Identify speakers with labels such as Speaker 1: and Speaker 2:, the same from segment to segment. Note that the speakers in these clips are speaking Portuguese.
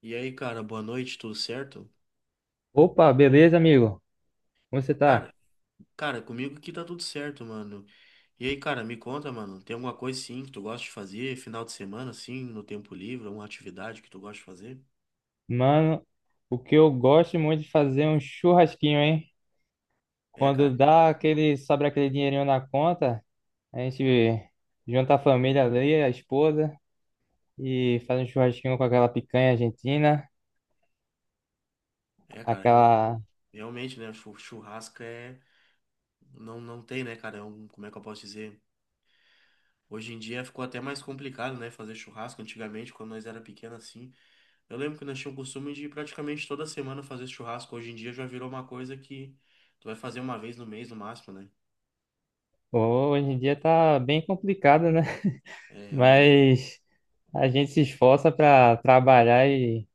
Speaker 1: E aí, cara, boa noite, tudo certo?
Speaker 2: Opa, beleza, amigo? Como você tá?
Speaker 1: Cara, cara, comigo aqui tá tudo certo, mano. E aí, cara, me conta, mano, tem alguma coisa sim que tu gosta de fazer, final de semana, assim, no tempo livre, alguma atividade que tu gosta de fazer?
Speaker 2: Mano, o que eu gosto muito de fazer é um churrasquinho, hein?
Speaker 1: É, cara,
Speaker 2: Quando dá sobra aquele dinheirinho na conta, a gente junta a família ali, a esposa, e faz um churrasquinho com aquela picanha argentina,
Speaker 1: é, cara,
Speaker 2: aquela...
Speaker 1: realmente, né, churrasco é, não, não tem, né, cara, é um, como é que eu posso dizer? Hoje em dia ficou até mais complicado, né, fazer churrasco, antigamente, quando nós era pequeno, assim, eu lembro que nós tínhamos o costume de praticamente toda semana fazer churrasco, hoje em dia já virou uma coisa que tu vai fazer uma vez no mês, no máximo, né?
Speaker 2: Hoje em dia tá bem complicado, né?
Speaker 1: É, realmente,
Speaker 2: Mas a gente se esforça pra trabalhar e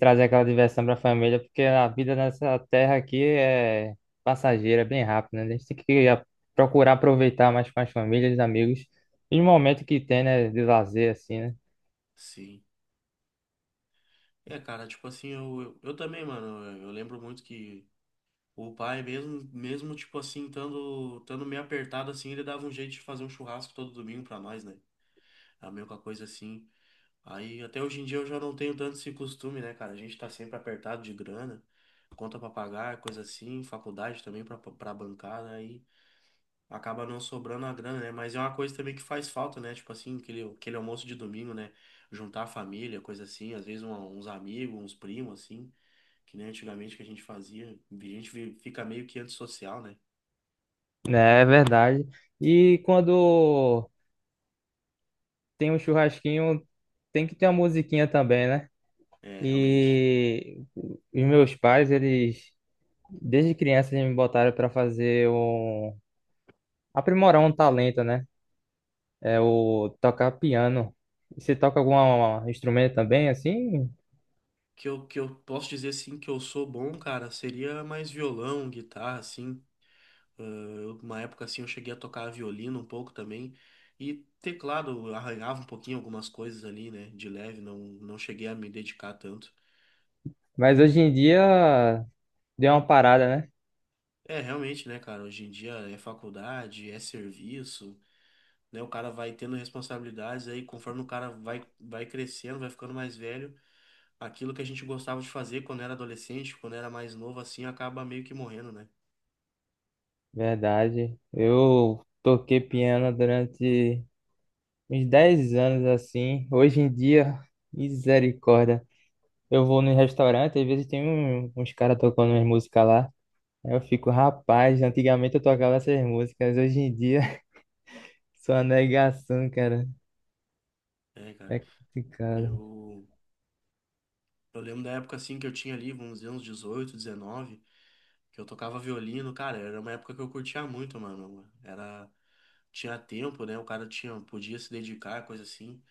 Speaker 2: trazer aquela diversão para a família, porque a vida nessa terra aqui é passageira, é bem rápida, né? A gente tem que procurar aproveitar mais com as famílias, os amigos, e o momento que tem, né, de lazer, assim, né?
Speaker 1: sim. É, cara, tipo assim, eu também, mano, eu lembro muito que o pai, mesmo tipo assim, estando meio apertado assim, ele dava um jeito de fazer um churrasco todo domingo pra nós, né? A mesma coisa assim. Aí até hoje em dia eu já não tenho tanto esse costume, né, cara? A gente tá sempre apertado de grana, conta pra pagar, coisa assim, faculdade também pra bancar, né? Acaba não sobrando a grana, né? Mas é uma coisa também que faz falta, né? Tipo assim, aquele almoço de domingo, né? Juntar a família, coisa assim, às vezes uns amigos, uns primos, assim, que nem antigamente que a gente fazia. A gente fica meio que antissocial, né?
Speaker 2: Né, é verdade. E quando tem um churrasquinho, tem que ter uma musiquinha também, né?
Speaker 1: É, realmente.
Speaker 2: E os meus pais, eles, desde criança, eles me botaram para fazer um... aprimorar um talento, né? É o tocar piano. Você toca algum instrumento também, assim?
Speaker 1: Que eu posso dizer, assim, que eu sou bom, cara, seria mais violão, guitarra, assim. Ah, uma época, assim, eu cheguei a tocar violino um pouco também. E teclado, eu arranhava um pouquinho algumas coisas ali, né? De leve, não, não cheguei a me dedicar tanto.
Speaker 2: Mas hoje em dia deu uma parada, né?
Speaker 1: É, realmente, né, cara? Hoje em dia é faculdade, é serviço, né? O cara vai tendo responsabilidades aí, conforme o cara vai crescendo, vai ficando mais velho, aquilo que a gente gostava de fazer quando era adolescente, quando era mais novo, assim, acaba meio que morrendo, né?
Speaker 2: Verdade. Eu toquei piano durante uns 10 anos, assim. Hoje em dia, misericórdia. Eu vou no restaurante, às vezes tem uns caras tocando umas músicas lá. Aí eu fico, rapaz, antigamente eu tocava essas músicas, hoje em dia, só uma negação, cara.
Speaker 1: É, cara.
Speaker 2: É complicado.
Speaker 1: Eu, eu lembro da época, assim, que eu tinha ali, vamos dizer, uns 18, 19, que eu tocava violino, cara, era uma época que eu curtia muito, mano. Era, tinha tempo, né? O cara tinha, podia se dedicar, coisa assim.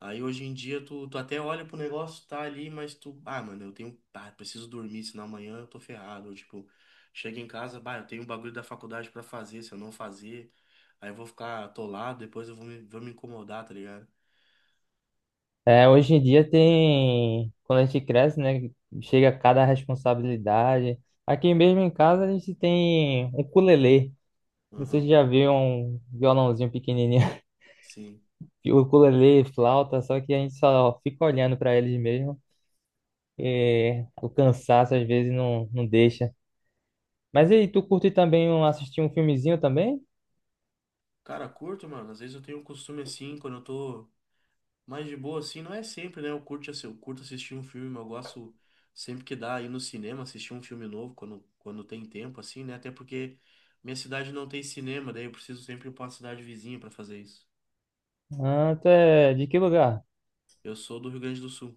Speaker 1: Aí hoje em dia tu até olha pro negócio, tá ali, mas tu, ah, mano, eu tenho, ah, preciso dormir, senão amanhã eu tô ferrado. Ou, tipo, chega em casa, bah, eu tenho um bagulho da faculdade pra fazer, se eu não fazer, aí eu vou ficar atolado, depois eu vou me incomodar, tá ligado?
Speaker 2: É, hoje em dia tem, quando a gente cresce, né, chega cada responsabilidade. Aqui mesmo em casa a gente tem um ukulele. Não sei
Speaker 1: Aham,
Speaker 2: se já viu um violãozinho pequenininho.
Speaker 1: sim.
Speaker 2: O ukulele, flauta, só que a gente só fica olhando para eles mesmo. E o cansaço às vezes não, não deixa. Mas e aí, tu curte também assistir um filmezinho também?
Speaker 1: Cara, curto, mano, às vezes eu tenho um costume assim, quando eu tô. Mas de boa, assim, não é sempre, né? Eu curto, eu curto assistir um filme, eu gosto sempre que dá ir no cinema, assistir um filme novo quando tem tempo, assim, né? Até porque minha cidade não tem cinema, daí eu preciso sempre ir pra uma cidade vizinha pra fazer isso.
Speaker 2: Ah, tu é de que lugar?
Speaker 1: Eu sou do Rio Grande do Sul.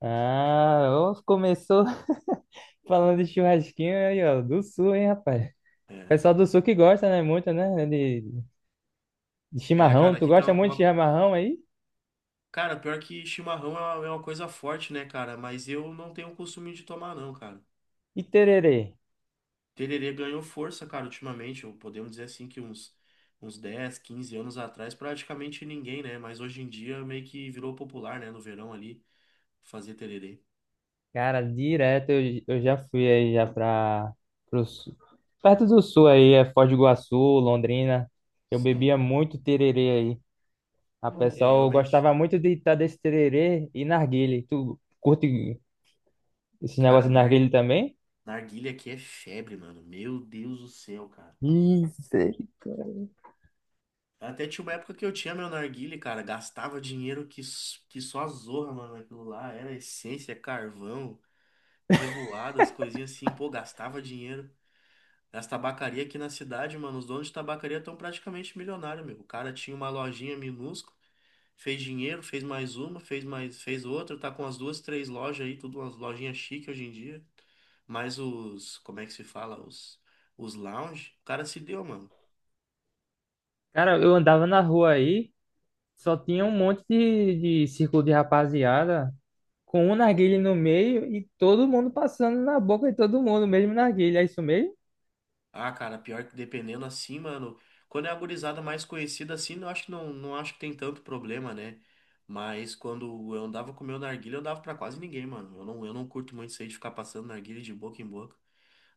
Speaker 2: Ah, ó, começou falando de churrasquinho aí, ó, do sul, hein, rapaz?
Speaker 1: É.
Speaker 2: Pessoal do sul que gosta, né? Muito, né? De
Speaker 1: É,
Speaker 2: chimarrão.
Speaker 1: cara,
Speaker 2: Tu
Speaker 1: aqui tem
Speaker 2: gosta
Speaker 1: uma.
Speaker 2: muito de chimarrão aí?
Speaker 1: Cara, pior que chimarrão é uma coisa forte, né, cara? Mas eu não tenho o costume de tomar, não, cara.
Speaker 2: E tererê?
Speaker 1: Tererê ganhou força, cara, ultimamente. Ou podemos dizer assim que uns 10, 15 anos atrás, praticamente ninguém, né? Mas hoje em dia meio que virou popular, né? No verão ali, fazer tererê.
Speaker 2: Cara, direto eu já fui aí já pro sul. Perto do sul aí, é Foz do Iguaçu, Londrina. Eu
Speaker 1: Sim.
Speaker 2: bebia muito tererê aí. A
Speaker 1: É,
Speaker 2: pessoal
Speaker 1: realmente.
Speaker 2: gostava muito de estar desse tererê e narguilé. Tu curte esse
Speaker 1: Cara,
Speaker 2: negócio de narguilé também?
Speaker 1: narguilha aqui é febre, mano. Meu Deus do céu, cara.
Speaker 2: Isso.
Speaker 1: Até tinha uma época que eu tinha meu narguilé, cara. Gastava dinheiro que, que só a zorra, mano, aquilo lá. Era essência, carvão, revoadas, coisinhas assim. Pô, gastava dinheiro. As tabacarias aqui na cidade, mano, os donos de tabacaria estão praticamente milionários, meu. O cara tinha uma lojinha minúscula, fez dinheiro, fez mais uma, fez mais, fez outra, tá com as duas, três lojas aí, tudo umas lojinhas chique hoje em dia. Mas os, como é que se fala? Os lounge, o cara se deu, mano.
Speaker 2: Cara, eu andava na rua aí, só tinha um monte de círculo de rapaziada, com um narguilé no meio e todo mundo passando na boca de todo mundo, mesmo narguilé, é isso mesmo?
Speaker 1: Ah, cara, pior que dependendo assim, mano. Quando é a gurizada mais conhecida assim, eu acho que não, não acho que tem tanto problema, né? Mas quando eu andava com o meu narguilé, eu dava pra quase ninguém, mano. Eu não curto muito isso aí de ficar passando narguilé de boca em boca.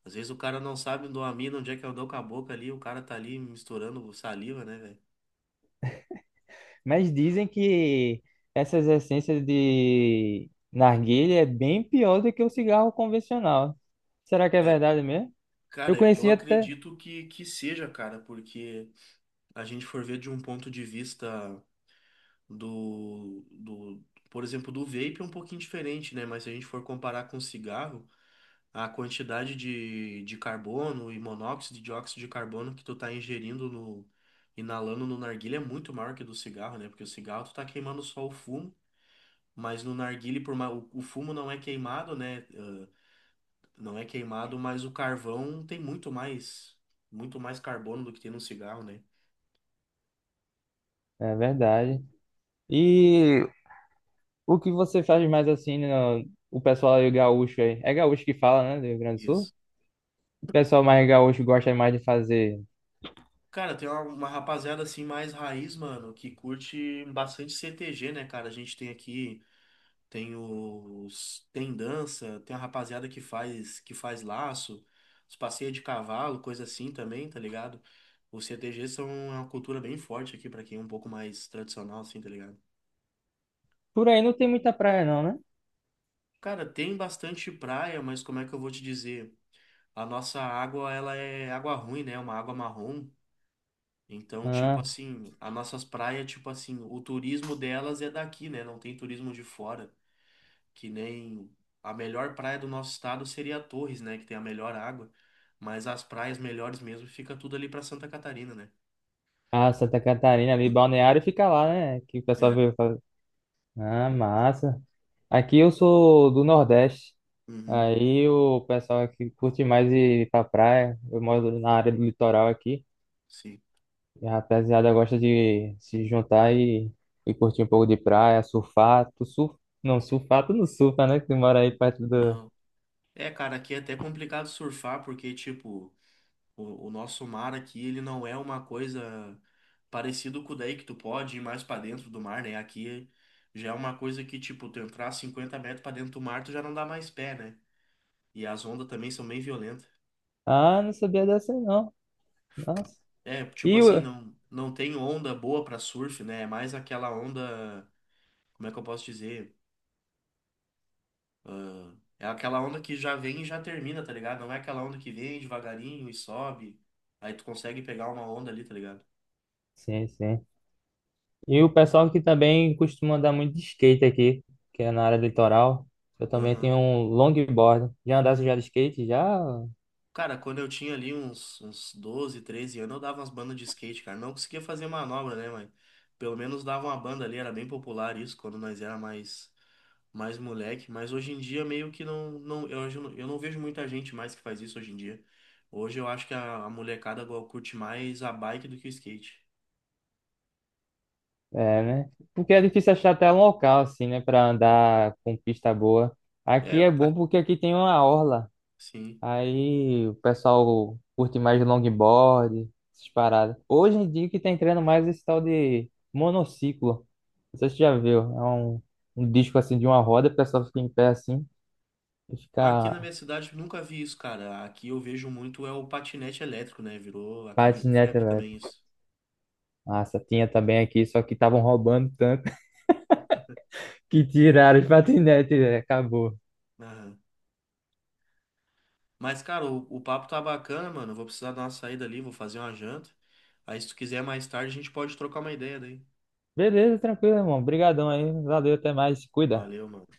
Speaker 1: Às vezes o cara não sabe do mina, onde é que eu dou com a boca ali, o cara tá ali misturando saliva, né, velho?
Speaker 2: Mas dizem que essas essências de narguilé é bem pior do que o cigarro convencional. Será que é
Speaker 1: É,
Speaker 2: verdade mesmo? Eu
Speaker 1: cara, eu
Speaker 2: conheci até.
Speaker 1: acredito que seja, cara, porque a gente for ver de um ponto de vista. do, do, por exemplo, do vape é um pouquinho diferente, né? Mas se a gente for comparar com cigarro, a quantidade de carbono e monóxido de dióxido de carbono que tu tá ingerindo no, inalando no narguilé é muito maior que do cigarro, né? Porque o cigarro tu tá queimando só o fumo, mas no narguilé, por mais, o fumo não é queimado, né? Ah, não é queimado, mas o carvão tem muito mais carbono do que tem no cigarro, né?
Speaker 2: É verdade. E o que você faz mais assim, no, o pessoal aí gaúcho aí? É gaúcho que fala, né, do Rio Grande do
Speaker 1: Isso.
Speaker 2: Sul? O pessoal mais gaúcho gosta mais de fazer.
Speaker 1: Cara, tem uma rapaziada assim mais raiz, mano, que curte bastante CTG, né, cara? A gente tem aqui, tem os, tem dança, tem a rapaziada que faz laço, os passeios de cavalo, coisa assim também, tá ligado? Os CTG são é uma cultura bem forte aqui pra quem é um pouco mais tradicional assim, tá ligado?
Speaker 2: Por aí não tem muita praia, não, né?
Speaker 1: Cara, tem bastante praia, mas como é que eu vou te dizer? A nossa água, ela é água ruim, né? É uma água marrom. Então, tipo
Speaker 2: Ah,
Speaker 1: assim, as nossas praias, tipo assim, o turismo delas é daqui, né? Não tem turismo de fora. Que nem a melhor praia do nosso estado seria Torres, né? Que tem a melhor água. Mas as praias melhores mesmo fica tudo ali pra Santa Catarina, né?
Speaker 2: ah, Santa Catarina ali, Balneário fica lá, né? Que o pessoal veio
Speaker 1: É.
Speaker 2: fazer. Ah, massa. Aqui eu sou do Nordeste.
Speaker 1: Uhum,
Speaker 2: Aí o pessoal aqui curte mais ir pra praia. Eu moro na área do litoral aqui.
Speaker 1: sim.
Speaker 2: E a rapaziada gosta de se juntar e curtir um pouco de praia, surfar. Tu surf... Não, surfar tu não surfa, né? Que tu mora aí perto do.
Speaker 1: Não. É, cara, aqui é até complicado surfar, porque, tipo, o nosso mar aqui, ele não é uma coisa parecido com o daí que tu pode ir mais pra dentro do mar, né? Aqui já é uma coisa que, tipo, tu entrar 50 metros pra dentro do mar, tu já não dá mais pé, né? E as ondas também são bem violentas.
Speaker 2: Ah, não sabia dessa aí, não. Nossa.
Speaker 1: É, tipo
Speaker 2: E
Speaker 1: assim,
Speaker 2: o.
Speaker 1: não, não tem onda boa pra surf, né? É mais aquela onda, como é que eu posso dizer? Ah, é aquela onda que já vem e já termina, tá ligado? Não é aquela onda que vem devagarinho e sobe. Aí tu consegue pegar uma onda ali, tá ligado?
Speaker 2: Sim, sim. E o pessoal que também costuma andar muito de skate aqui, que é na área do litoral. Eu também
Speaker 1: Aham.
Speaker 2: tenho um longboard. Já andasse já de skate? Já,
Speaker 1: Cara, quando eu tinha ali uns 12, 13 anos, eu dava umas bandas de skate, cara. Não conseguia fazer manobra, né, mas pelo menos dava uma banda ali, era bem popular isso quando nós era mais mais moleque, mas hoje em dia meio que eu não vejo muita gente mais que faz isso hoje em dia. Hoje eu acho que a molecada agora curte mais a bike do que o skate.
Speaker 2: é, né? Porque é difícil achar até um local, assim, né? Pra andar com pista boa.
Speaker 1: É,
Speaker 2: Aqui é bom porque aqui tem uma orla.
Speaker 1: sim.
Speaker 2: Aí o pessoal curte mais longboard, essas paradas. Hoje em dia que tá entrando mais esse tal de monociclo. Não sei se você já viu. É um, um disco, assim, de uma roda. O pessoal fica em pé, assim, e
Speaker 1: Aqui na
Speaker 2: fica.
Speaker 1: minha cidade eu nunca vi isso, cara. Aqui eu vejo muito é o patinete elétrico, né? Virou, aqui virou
Speaker 2: Patinete
Speaker 1: febre também
Speaker 2: elétrico.
Speaker 1: isso.
Speaker 2: Nossa, tinha também aqui, só que estavam roubando tanto que tiraram os patinetes, velho. Acabou.
Speaker 1: Mas, cara, o papo tá bacana, mano. Eu vou precisar dar uma saída ali, vou fazer uma janta. Aí, se tu quiser mais tarde, a gente pode trocar uma ideia daí.
Speaker 2: Beleza, tranquilo, irmão. Obrigadão aí. Valeu, até mais. Se cuida.
Speaker 1: Valeu, mano.